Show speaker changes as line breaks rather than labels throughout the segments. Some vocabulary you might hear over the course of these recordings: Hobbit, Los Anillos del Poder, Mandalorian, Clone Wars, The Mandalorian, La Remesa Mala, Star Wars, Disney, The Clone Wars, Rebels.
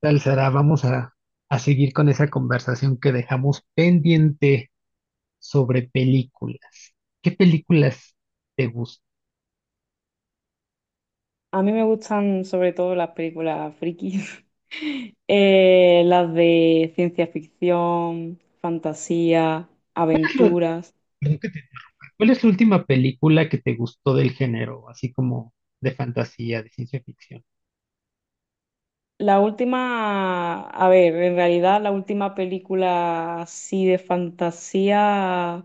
Tal Sara, vamos a seguir con esa conversación que dejamos pendiente sobre películas. ¿Qué películas te gustan?
A mí me gustan sobre todo las películas frikis. Las de ciencia ficción, fantasía, aventuras.
¿Cuál es la última película que te gustó del género, así como de fantasía, de ciencia ficción?
La última, a ver, en realidad la última película así de fantasía,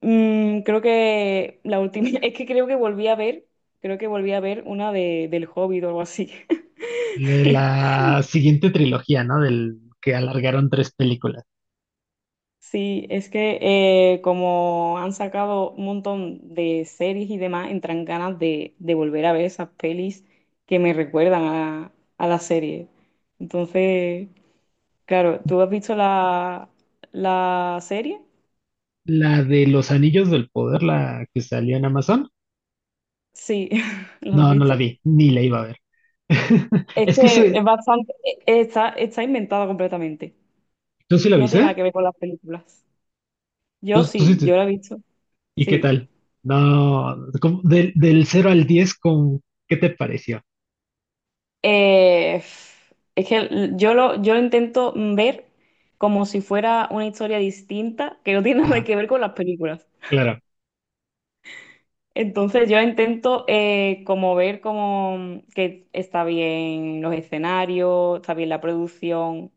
creo que la última, es que creo que volví a ver, creo que volví a ver una del Hobbit o algo así.
De la siguiente trilogía, ¿no? Del que alargaron tres películas.
Sí, es que como han sacado un montón de series y demás, entran ganas de volver a ver esas pelis que me recuerdan a la serie. Entonces, claro, ¿tú has visto la serie?
La de Los Anillos del Poder, la que salió en Amazon.
Sí. ¿La has
No, no la
visto?
vi, ni la iba a ver.
Es
Es que
que
soy,
es bastante, está, está inventada completamente.
tú sí la
No
viste,
tiene nada
¿eh?
que ver con las películas. Yo
¿Tú sí?
sí, yo la he visto.
¿Y qué
Sí.
tal? No, ¿cómo? Del cero al 10, ¿con qué te pareció?
Eh, es que yo lo intento ver como si fuera una historia distinta que no tiene nada
Ajá,
que ver con las películas.
claro,
Entonces yo intento como ver como que está bien los escenarios, está bien la producción,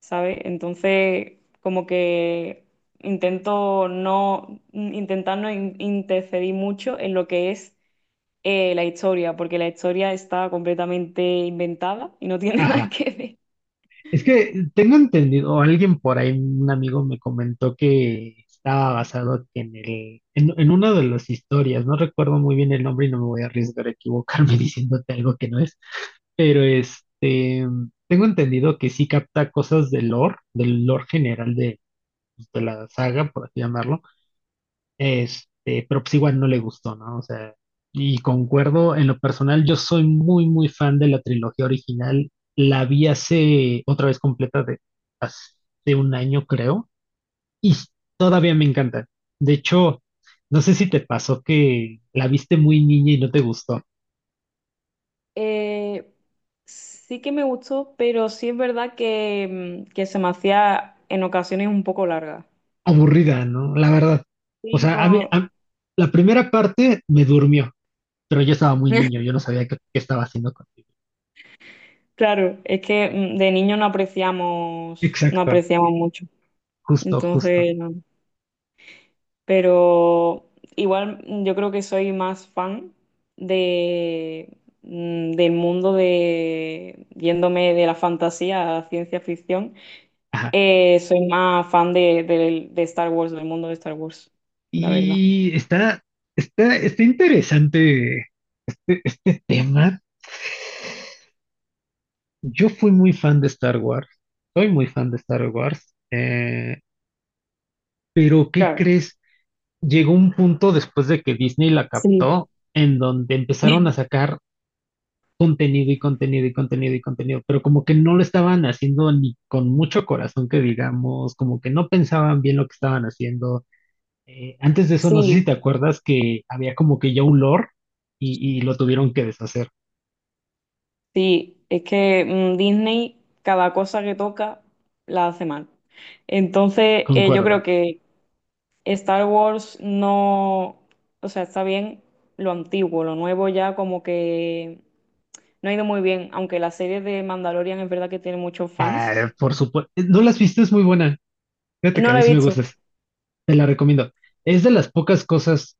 ¿sabes? Entonces como que intento intentar no interferir mucho en lo que es la historia, porque la historia está completamente inventada y no tiene nada
ajá.
que ver.
Es que tengo entendido, o alguien por ahí, un amigo me comentó que estaba basado en una de las historias, no recuerdo muy bien el nombre y no me voy a arriesgar a equivocarme diciéndote algo que no es, pero este, tengo entendido que sí capta cosas del lore general de, pues, de la saga, por así llamarlo. Este, pero pues igual no le gustó, ¿no? O sea, y concuerdo, en lo personal, yo soy muy, muy fan de la trilogía original. La vi hace, otra vez completa, de hace un año, creo, y todavía me encanta. De hecho, no sé si te pasó que la viste muy niña y no te gustó.
Eh, sí que me gustó, pero sí es verdad que, que se me hacía en ocasiones un poco larga.
Aburrida, ¿no? La verdad. O
Sí,
sea, a mí,
como,
la primera parte me durmió, pero yo estaba muy niño, yo no sabía qué estaba haciendo contigo.
claro, es que de niño no apreciamos, no
Exacto,
apreciamos mucho.
justo, justo.
Entonces, no. Pero igual yo creo que soy más fan de, del mundo de, yéndome de la fantasía a la ciencia ficción,
Ajá.
soy más fan de, de Star Wars, del mundo de Star Wars, la verdad.
Y está interesante el tema. Yo fui muy fan de Star Wars, soy muy fan de Star Wars, pero ¿qué
Claro.
crees? Llegó un punto después de que Disney la
Sí.
captó en donde empezaron a sacar contenido y contenido y contenido y contenido, pero como que no lo estaban haciendo ni con mucho corazón que digamos, como que no pensaban bien lo que estaban haciendo. Antes de eso, no sé si
Sí,
te acuerdas que había como que ya un lore y lo tuvieron que deshacer.
sí, es que Disney cada cosa que toca la hace mal. Entonces, yo
Concuerdo.
creo que Star Wars no, o sea, está bien lo antiguo, lo nuevo ya como que no ha ido muy bien, aunque la serie de Mandalorian es verdad que tiene muchos fans.
Ah, por supuesto. No la has visto, es muy buena. Fíjate que
No
a mí
la he
sí me
visto.
gustas. Te la recomiendo. Es de las pocas cosas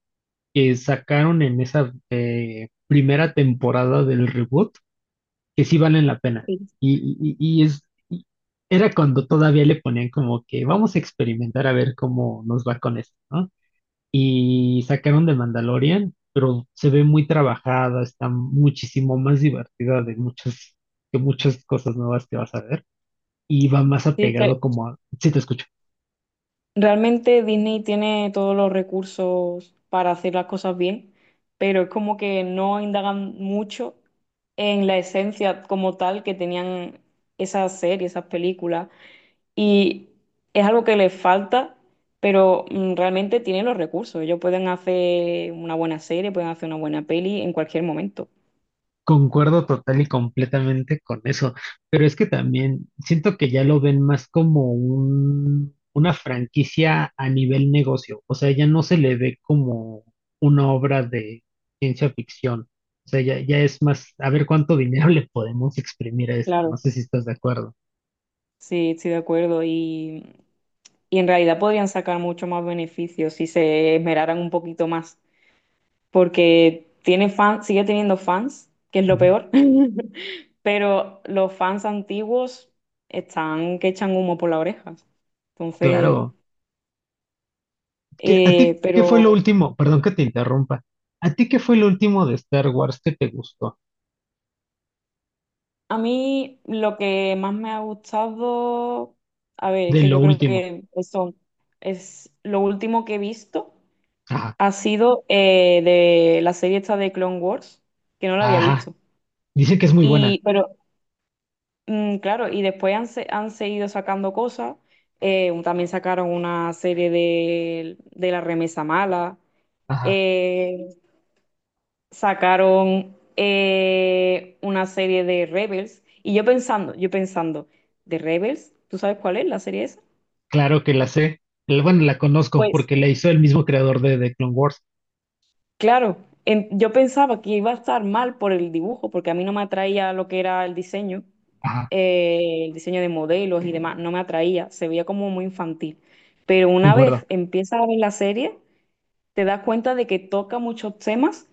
que sacaron en esa primera temporada del reboot que sí valen la pena.
Sí.
Y, y- y es, y era cuando todavía le ponían como que vamos a experimentar a ver cómo nos va con esto, ¿no? Y sacaron de Mandalorian, pero se ve muy trabajada, está muchísimo más divertida de muchas, que muchas cosas nuevas que vas a ver. Y va más
Sí, es que
apegado como a, sí te escucho,
realmente Disney tiene todos los recursos para hacer las cosas bien, pero es como que no indagan mucho en la esencia como tal que tenían esas series, esas películas. Y es algo que les falta, pero realmente tienen los recursos. Ellos pueden hacer una buena serie, pueden hacer una buena peli en cualquier momento.
concuerdo total y completamente con eso, pero es que también siento que ya lo ven más como una franquicia a nivel negocio, o sea, ya no se le ve como una obra de ciencia ficción, o sea, ya, es más, a ver cuánto dinero le podemos exprimir a esto, no
Claro,
sé si estás de acuerdo.
sí, estoy de acuerdo. Y en realidad podrían sacar mucho más beneficios si se esmeraran un poquito más, porque tiene fans, sigue teniendo fans, que es lo
Ujú.
peor. Pero los fans antiguos están que echan humo por las orejas.
Claro.
Entonces,
¿A ti qué fue lo
pero
último? Perdón que te interrumpa. ¿A ti qué fue lo último de Star Wars que te gustó?
a mí lo que más me ha gustado, a ver, es
De
que
lo
yo creo
último.
que eso es lo último que he visto, ha sido de la serie esta de Clone Wars, que no la había
Ajá,
visto.
dice que es muy buena.
Y, pero claro, y después han, han seguido sacando cosas. También sacaron una serie de La Remesa Mala.
Ajá,
eh, Sacaron una serie de Rebels. Y yo pensando, ¿de Rebels? ¿Tú sabes cuál es la serie esa?
claro que la sé. Bueno, la conozco
Pues
porque la hizo el mismo creador de Clone Wars.
claro, yo pensaba que iba a estar mal por el dibujo, porque a mí no me atraía lo que era
Ajá,
el diseño de modelos y demás, no me atraía, se veía como muy infantil. Pero una vez
concuerdo.
empiezas a ver la serie, te das cuenta de que toca muchos temas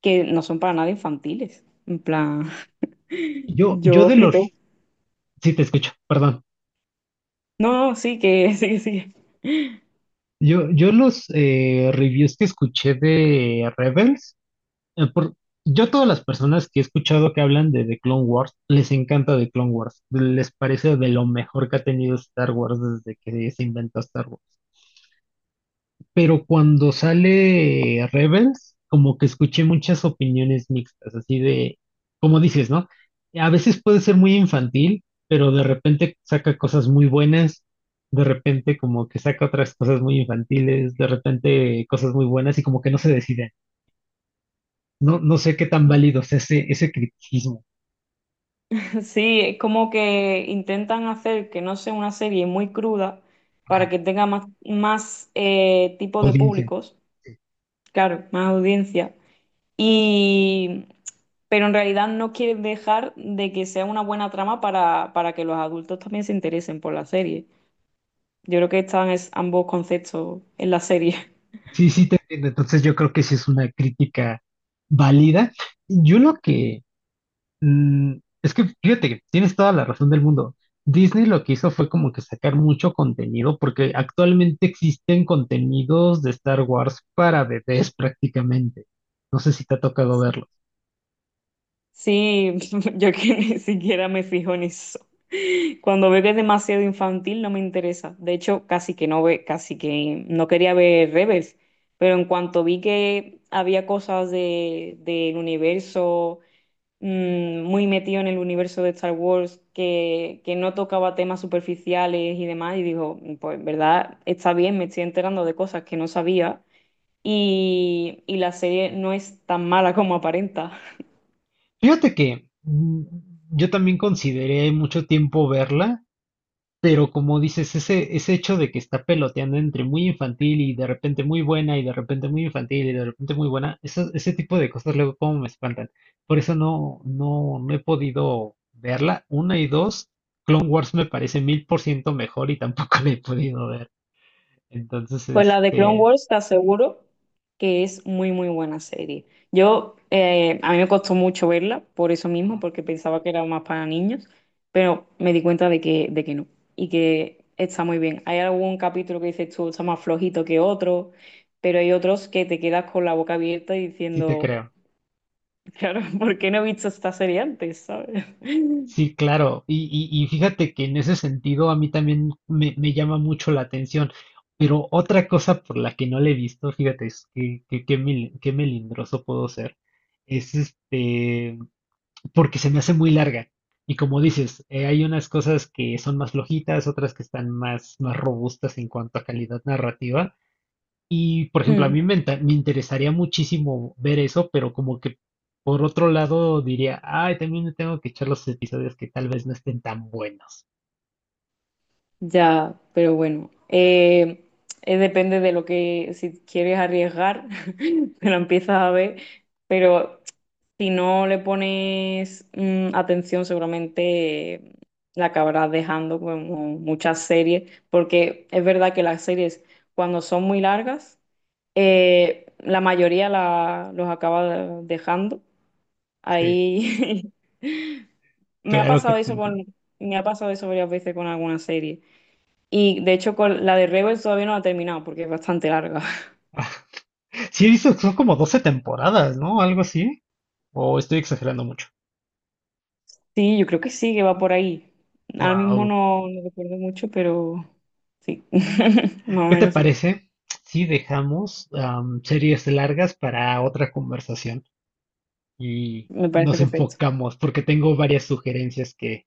que no son para nada infantiles. En plan,
Yo
yo
de
flipé.
los, sí te escucho, perdón.
No, no, sí, que sí, que sí.
Yo los reviews que escuché de Rebels, por, yo todas las personas que he escuchado que hablan de, The Clone Wars, les encanta The Clone Wars. Les parece de lo mejor que ha tenido Star Wars desde que se inventó Star Wars. Pero cuando sale Rebels, como que escuché muchas opiniones mixtas, así de, como dices, ¿no? A veces puede ser muy infantil, pero de repente saca cosas muy buenas, de repente como que saca otras cosas muy infantiles, de repente cosas muy buenas y como que no se deciden. No, no sé qué tan válido es ese criticismo.
Sí, es como que intentan hacer que no sea una serie muy cruda para
Ajá,
que tenga más, más tipo de
audiencia.
públicos, claro, más audiencia. Y, pero en realidad no quieren dejar de que sea una buena trama para que los adultos también se interesen por la serie. Yo creo que están ambos conceptos en la serie.
Sí, sí, te entiendo. Entonces yo creo que sí es una crítica válida. Yo lo que, es que fíjate que tienes toda la razón del mundo. Disney lo que hizo fue como que sacar mucho contenido, porque actualmente existen contenidos de Star Wars para bebés prácticamente. No sé si te ha tocado verlos.
Sí, yo que ni siquiera me fijo en eso. Cuando veo que es demasiado infantil no me interesa. De hecho, casi que no quería ver Rebels, pero en cuanto vi que había cosas de, del universo muy metido en el universo de Star Wars, que no tocaba temas superficiales y demás, y digo, pues en verdad está bien, me estoy enterando de cosas que no sabía, y la serie no es tan mala como aparenta.
Fíjate que yo también consideré mucho tiempo verla. Pero como dices, ese, hecho de que está peloteando entre muy infantil y de repente muy buena y de repente muy infantil y de repente muy buena, eso, ese tipo de cosas luego como me espantan. Por eso no, no, no he podido verla. Una y dos, Clone Wars me parece 1000% mejor y tampoco la he podido ver. Entonces,
Pues la de Clone
este,
Wars te aseguro que es muy, muy buena serie. Yo, a mí me costó mucho verla, por eso mismo,
ah,
porque pensaba que era más para niños, pero me di cuenta de que no, y que está muy bien. Hay algún capítulo que dices tú, está más flojito que otro, pero hay otros que te quedas con la boca abierta y
sí te
diciendo,
creo.
claro, ¿por qué no he visto esta serie antes? ¿Sabes?
Sí, claro. Y fíjate que en ese sentido a mí también me llama mucho la atención. Pero otra cosa por la que no le he visto, fíjate, es qué melindroso puedo ser, es este, porque se me hace muy larga. Y como dices, hay unas cosas que son más flojitas, otras que están más robustas en cuanto a calidad narrativa. Y, por ejemplo, a
Mm.
mí me interesaría muchísimo ver eso, pero como que por otro lado diría, ay, también me tengo que echar los episodios que tal vez no estén tan buenos.
Ya, pero bueno, depende de lo que, si quieres arriesgar, te lo empiezas a ver, pero si no le pones atención, seguramente la acabarás dejando como muchas series, porque es verdad que las series cuando son muy largas, la mayoría los acaba dejando.
Sí,
Ahí me ha
claro que
pasado
te
eso
entiendo.
con, me ha pasado eso varias veces con alguna serie. Y de hecho, con la de Rebels todavía no la he terminado porque es bastante larga.
Sí, dices, son como 12 temporadas, ¿no? Algo así. O estoy exagerando mucho.
Sí, yo creo que sí, que va por ahí. Ahora mismo
Wow.
no, no recuerdo mucho, pero sí, más o
¿Qué te
menos sí.
parece si dejamos series largas para otra conversación y
Me parece
nos
perfecto.
enfocamos? Porque tengo varias sugerencias que,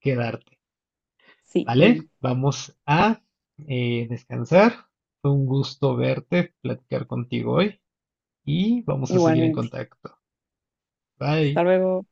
que darte.
Sí,
Vale,
baby.
vamos a descansar. Fue un gusto verte, platicar contigo hoy y vamos a seguir en
Igualmente.
contacto. Bye.
Hasta luego.